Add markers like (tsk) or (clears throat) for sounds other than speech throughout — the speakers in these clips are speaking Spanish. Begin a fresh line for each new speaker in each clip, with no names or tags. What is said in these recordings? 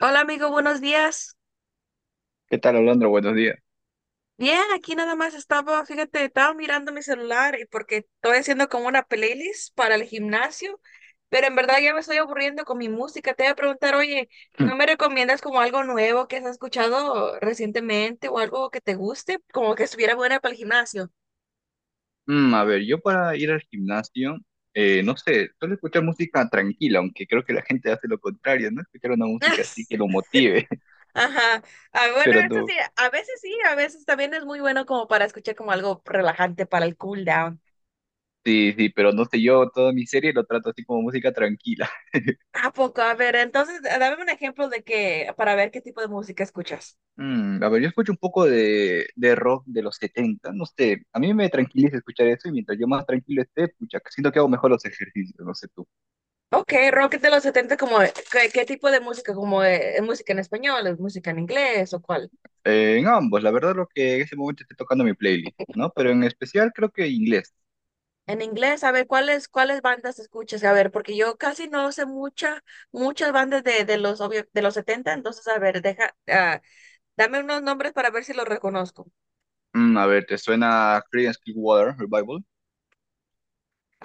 Hola amigo, buenos días.
¿Qué tal, Alondra? Buenos días.
Bien, aquí nada más estaba, fíjate, estaba mirando mi celular y porque estoy haciendo como una playlist para el gimnasio, pero en verdad ya me estoy aburriendo con mi música. Te voy a preguntar, oye, ¿no me
(clears throat)
recomiendas como algo nuevo que has escuchado recientemente o algo que te guste, como que estuviera buena para el gimnasio?
Yo para ir al gimnasio, no sé, suelo escuchar música tranquila, aunque creo que la gente hace lo contrario, ¿no? Escuchar una música así que lo
(laughs)
motive. (laughs)
Ajá. Ah, bueno,
Pero
eso
no,
sí, a veces también es muy bueno como para escuchar como algo relajante para el cool down.
sí, sí, pero no sé, yo toda mi serie lo trato así como música tranquila.
¿A poco? A ver, entonces, dame un ejemplo de que, para ver qué tipo de música escuchas.
Yo escucho un poco de rock de los 70, no sé, a mí me tranquiliza escuchar eso, y mientras yo más tranquilo esté, pucha, siento que hago mejor los ejercicios, no sé tú.
Ok, rock de los 70, como, ¿qué, qué tipo de música? ¿Como música en español, es música en inglés o cuál?
En ambos, la verdad lo que en ese momento esté tocando mi playlist, ¿no? Pero en especial creo que inglés.
En inglés, a ver, ¿cuáles, cuáles bandas escuchas? A ver, porque yo casi no sé mucha, muchas bandas de los, de los 70. Entonces, a ver, deja, ah, dame unos nombres para ver si los reconozco.
¿Te suena Creedence Clearwater Revival?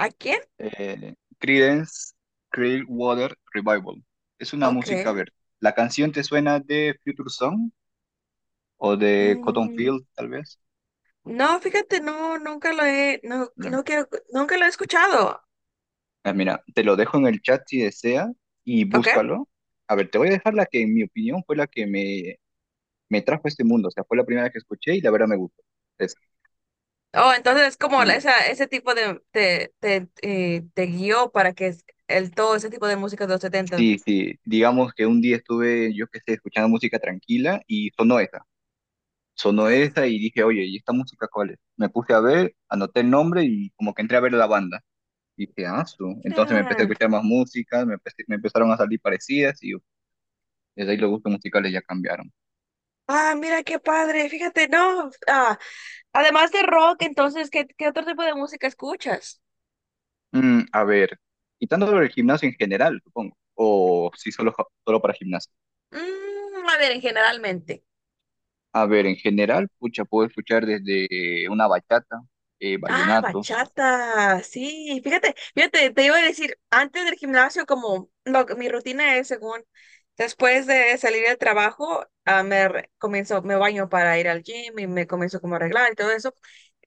¿A quién?
Creedence Clearwater Revival. Es una
Ok.
música, a ver, ¿la canción te suena de Future Song o de Cotton
Mm,
Field, tal vez?
no, fíjate, no, nunca lo he, no,
Mm,
nunca lo he escuchado.
Mira, te lo dejo en el chat si desea, y
¿Ok?
búscalo. A ver, te voy a dejar la que, en mi opinión, fue la que me trajo a este mundo. O sea, fue la primera que escuché y la verdad me gustó. Es-
Oh, entonces es como
sí,
esa, ese tipo de, te guió para que todo ese tipo de música de los setenta.
sí, sí. Digamos que un día estuve, yo qué sé, escuchando música tranquila y sonó esa. Sonó esa y dije, oye, ¿y esta música cuál es? Me puse a ver, anoté el nombre y como que entré a ver la banda. Y dije, ah, su. Entonces me
Ah,
empecé a
mira.
escuchar más música, me empezaron a salir parecidas y desde ahí los gustos musicales ya cambiaron.
Ah, mira qué padre, fíjate, no. Ah, además de rock, entonces, ¿qué, qué otro tipo de música escuchas?
Mm, a ver, Quitándolo del gimnasio en general, supongo. O si solo, solo para gimnasio.
Mm, a ver, generalmente.
A ver, en general, pucha, puedo escuchar desde una bachata,
Ah,
vallenatos.
bachata, sí, fíjate, fíjate, te iba a decir, antes del gimnasio, como lo, mi rutina es según, después de salir del trabajo, ah, comienzo, me baño para ir al gym y me comienzo como a arreglar y todo eso,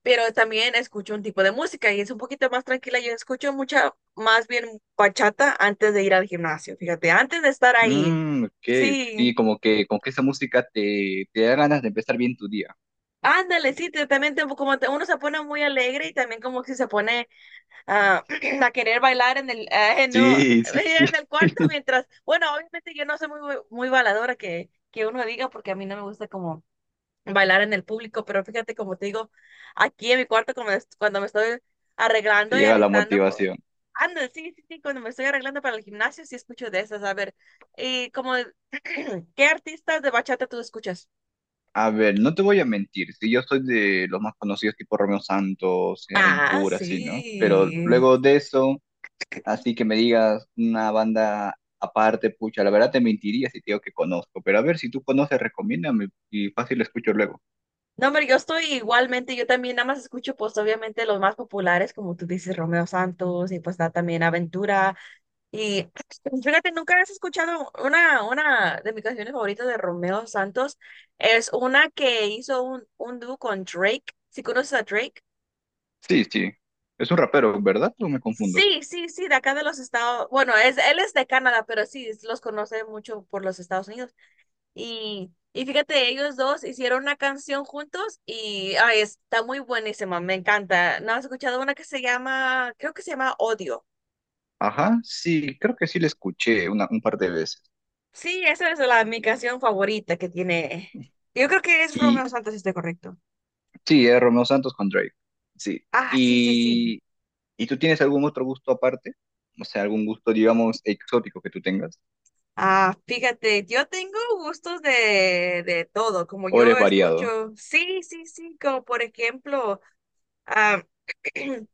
pero también escucho un tipo de música y es un poquito más tranquila, yo escucho mucha, más bien bachata antes de ir al gimnasio, fíjate, antes de estar ahí,
Mm, ok, ok, sí,
sí,
como que esa música te da ganas de empezar bien tu día.
ándale, sí, también como uno se pone muy alegre y también como que se pone a, (clears throat) a querer bailar en el, no, (laughs)
Sí, (laughs) sí, sí.
en el cuarto mientras, bueno, obviamente yo no soy muy, muy bailadora que uno diga porque a mí no me gusta como bailar en el público, pero fíjate como te digo, aquí en mi cuarto como cuando me estoy
Te
arreglando y
llega la
alistando, pues,
motivación.
ando, sí, sí, sí, cuando me estoy arreglando para el gimnasio sí escucho de esas, a ver, y como, (clears throat) ¿qué artistas de bachata tú escuchas?
A ver, no te voy a mentir, si yo soy de los más conocidos tipo Romeo Santos,
Ah,
Aventura, así, ¿no? Pero
sí.
luego de eso, así que me digas una banda aparte, pucha, la verdad te mentiría si te digo que conozco, pero a ver, si tú conoces, recomiéndame y fácil escucho luego.
No, hombre, yo estoy igualmente, yo también nada más escucho pues obviamente los más populares, como tú dices, Romeo Santos y pues da también Aventura. Y (clears throat) (tsk) fíjate, nunca has escuchado una de mis canciones favoritas de Romeo Santos, es una que hizo un dúo con Drake. ¿Sí conoces a Drake?
Sí, sí, es un rapero, ¿verdad? ¿O me confundo?
Sí, sí, sí, de acá de los Estados, bueno, es, él es de Canadá, pero sí, los conoce mucho por los Estados Unidos. Y fíjate, ellos dos hicieron una canción juntos y ay, está muy buenísima, me encanta. ¿No has escuchado una que se llama, creo que se llama Odio?
Ajá, sí, creo que sí le escuché una, un par de veces.
Sí, esa es la, mi canción favorita que tiene. Yo creo que es
Y
Romeo Santos, si estoy correcto.
sí, es Romeo Santos con Drake, sí.
Ah, sí, sí, sí.
¿Y ¿Y tú tienes algún otro gusto aparte? O sea, algún gusto, digamos, exótico que tú tengas.
Ah, fíjate, yo tengo gustos de todo, como
¿O
yo
eres variado?
escucho, sí, sí, sí, como por ejemplo, ah, (clears throat)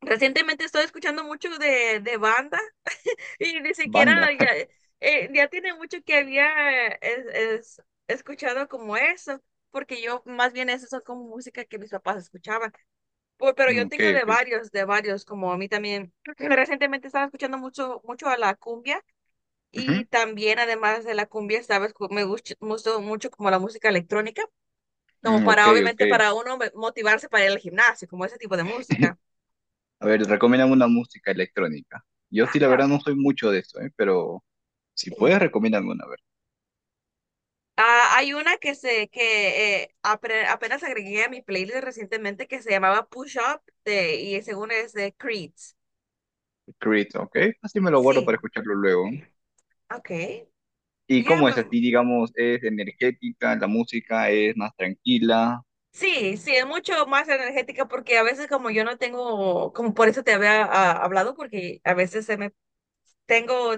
recientemente estoy escuchando mucho de bandas. Y ni siquiera
Banda.
ya,
(laughs)
ya tiene mucho que había escuchado como eso, porque yo más bien eso son como música que mis papás escuchaban. Pero
Mm,
yo
ok,
tengo
ok.
de varios, como a mí también. (clears throat) Recientemente estaba escuchando mucho, mucho a la cumbia
Ujú.
y también además de la cumbia, sabes, me gusta mucho, mucho como la música electrónica, como
Mm, ok,
para
ok.
obviamente para uno motivarse para ir al gimnasio, como ese tipo de
(laughs)
música.
A ver, recomiéndame una música electrónica. Yo sí, la
Ah.
verdad, no soy mucho de eso, ¿eh? Pero si puedes, recomiéndame una, a ver.
Ah, hay una que apenas agregué a mi playlist recientemente que se llamaba Push Up de, y según es de Creed.
Creed, ¿ok? Así me lo guardo para
Sí,
escucharlo luego.
ok.
¿Y
Ya,
cómo es
me-
así, digamos, es energética, la música es más tranquila?
sí, sí, es mucho más energética porque a veces como yo no tengo, como por eso te había ah, hablado, porque a veces se me tengo,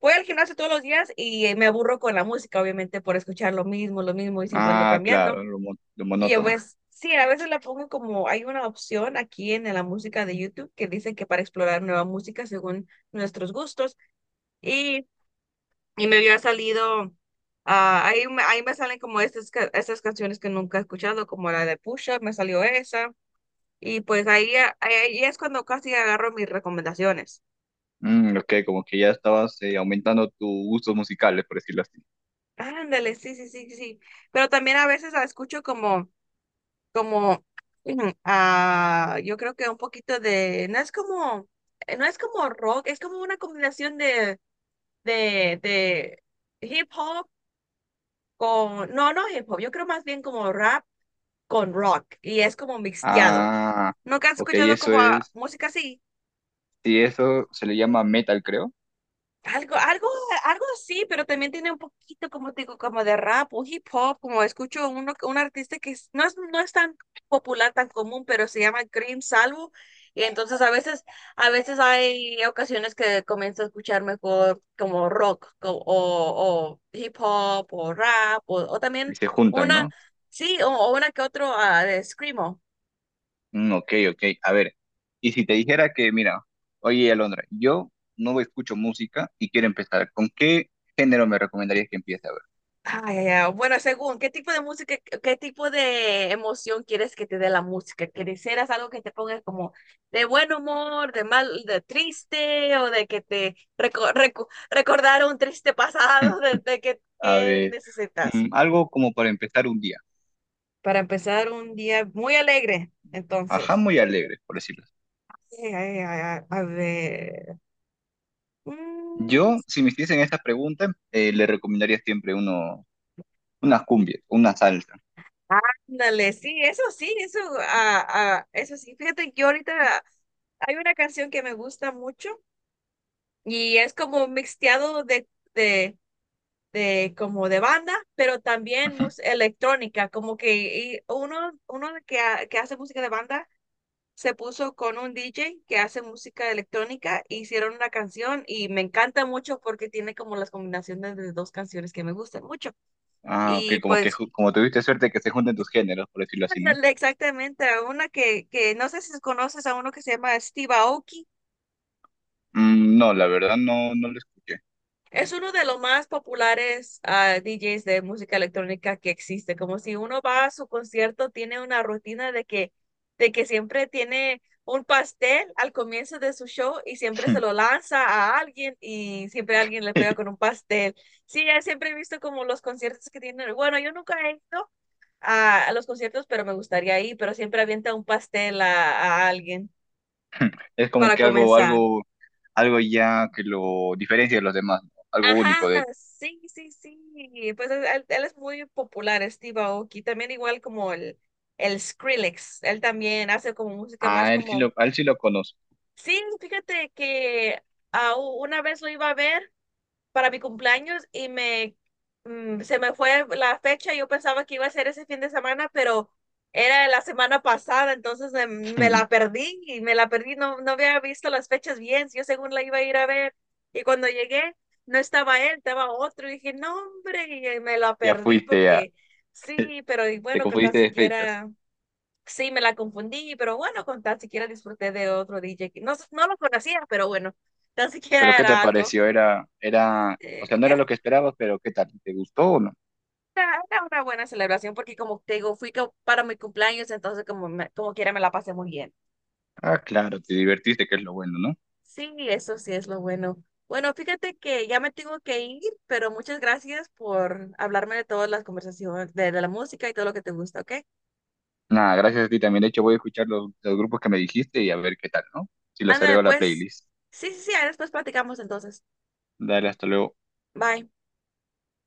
voy al gimnasio todos los días y me aburro con la música, obviamente, por escuchar lo mismo y siempre ando
Ah,
cambiando.
claro, lo
Y yo
monótono.
pues, sí, a veces la pongo como, hay una opción aquí en la música de YouTube que dice que para explorar nueva música según nuestros gustos. Y, y me había salido, ah, ahí, ahí me salen como estas, estas canciones que nunca he escuchado, como la de Push Up, me salió esa. Y pues ahí, ahí es cuando casi agarro mis recomendaciones.
Mm, ok, como que ya estabas aumentando tus gustos musicales, por decirlo así.
Ándale, sí, sí, sí, sí. Pero también a veces la escucho como (clears throat) mm, ah, yo creo que un poquito de, no es como, no es como rock, es como una combinación de, de hip hop con, no, no hip hop, yo creo más bien como rap con rock y es como mixteado.
Ah,
¿Nunca has
ok,
escuchado
eso
como ah,
es.
música así?
Sí, eso se le llama metal, creo.
Algo, algo, algo así, pero también tiene un poquito, como te digo, como de rap o hip hop, como escucho uno, un artista no es, no es tan popular, tan común, pero se llama Cream Salvo. Y entonces a veces hay ocasiones que comienzo a escuchar mejor como rock o hip hop o rap o
Y
también
se juntan,
una,
¿no?
sí, o una que otro ah, de Screamo.
Mm, ok, ok. A ver, y si te dijera que, mira, oye, Alondra, yo no escucho música y quiero empezar, ¿con qué género me recomendarías que empiece? A
Ay, ay, ay. Bueno, según, ¿qué tipo de música, qué tipo de emoción quieres que te dé la música? ¿Quisieras algo que te ponga como de buen humor, de mal, de triste, o de que te recordar un triste
ver.
pasado,
(laughs)
de
A
que
ver,
necesitas?
Algo como para empezar un día.
Para empezar un día muy alegre,
Ajá,
entonces.
muy alegre, por decirlo así.
Ay, ay, ay, ay, a ver. Mm,
Yo, si me hiciesen esta pregunta, le recomendaría siempre uno, unas cumbias, una salsa.
ándale, sí, eso, ah, ah, eso sí. Fíjate que yo ahorita hay una canción que me gusta mucho y es como un mixteado de, de como de banda, pero también
Ujú.
música electrónica, como que uno, uno que, que hace música de banda se puso con un DJ que hace música electrónica, hicieron una canción y me encanta mucho porque tiene como las combinaciones de dos canciones que me gustan mucho.
Ah, ok,
Y
como que
pues,
como tuviste suerte que se junten tus géneros, por decirlo así, ¿no?
ándale, exactamente, a una que no sé si conoces a uno que se llama Steve Aoki.
Mm, no, la verdad no, no lo escuché.
Es uno de los más populares ah, DJs de música electrónica que existe. Como si uno va a su concierto, tiene una rutina de que siempre tiene un pastel al comienzo de su show y siempre se lo lanza a alguien y siempre alguien le pega con un
(laughs)
pastel. Sí, ya siempre he visto como los conciertos que tienen. Bueno, yo nunca he ido a los conciertos, pero me gustaría ir, pero siempre avienta un pastel a alguien
Es como
para
que algo,
comenzar.
algo, algo ya que lo diferencia de los demás, ¿no? Algo
Ajá,
único de él.
sí, sí, sí. Pues él, él es muy popular, Steve Aoki. También igual como el Skrillex. Él también hace como música más
Ah, él sí
como...
lo, a él sí lo conozco.
Sí, fíjate que ah, una vez lo iba a ver para mi cumpleaños y me mm, se me fue la fecha. Yo pensaba que iba a ser ese fin de semana, pero era la semana pasada, entonces me la
(laughs)
perdí y me la perdí. No, no había visto las fechas bien. Yo según la iba a ir a ver y cuando llegué no estaba él, estaba otro. Y dije, no, hombre, y me la
Ya
perdí
fuiste, a,
porque sí, pero y
te
bueno, que tan
confundiste de fechas.
siquiera. Sí, me la confundí, pero bueno, con tan siquiera disfruté de otro DJ. Que no, no lo conocía, pero bueno, tan
Pero
siquiera
¿qué te
era algo.
pareció? Era, era, o
Eh,
sea, no era
era
lo que esperabas, pero ¿qué tal? ¿Te gustó o no?
era una buena celebración porque como te digo, para mi cumpleaños, entonces como, como quiera me la pasé muy bien.
Ah, claro, te divertiste, que es lo bueno, ¿no?
Sí, eso sí es lo bueno. Bueno, fíjate que ya me tengo que ir, pero muchas gracias por hablarme de todas las conversaciones, de la música y todo lo que te gusta, ¿ok?
Nada, gracias a ti también. De hecho, voy a escuchar los grupos que me dijiste y a ver qué tal, ¿no? Si los
Ándale,
agrego a la
pues.
playlist.
Sí, sí, sí, ahí después platicamos entonces.
Dale, hasta luego.
Bye.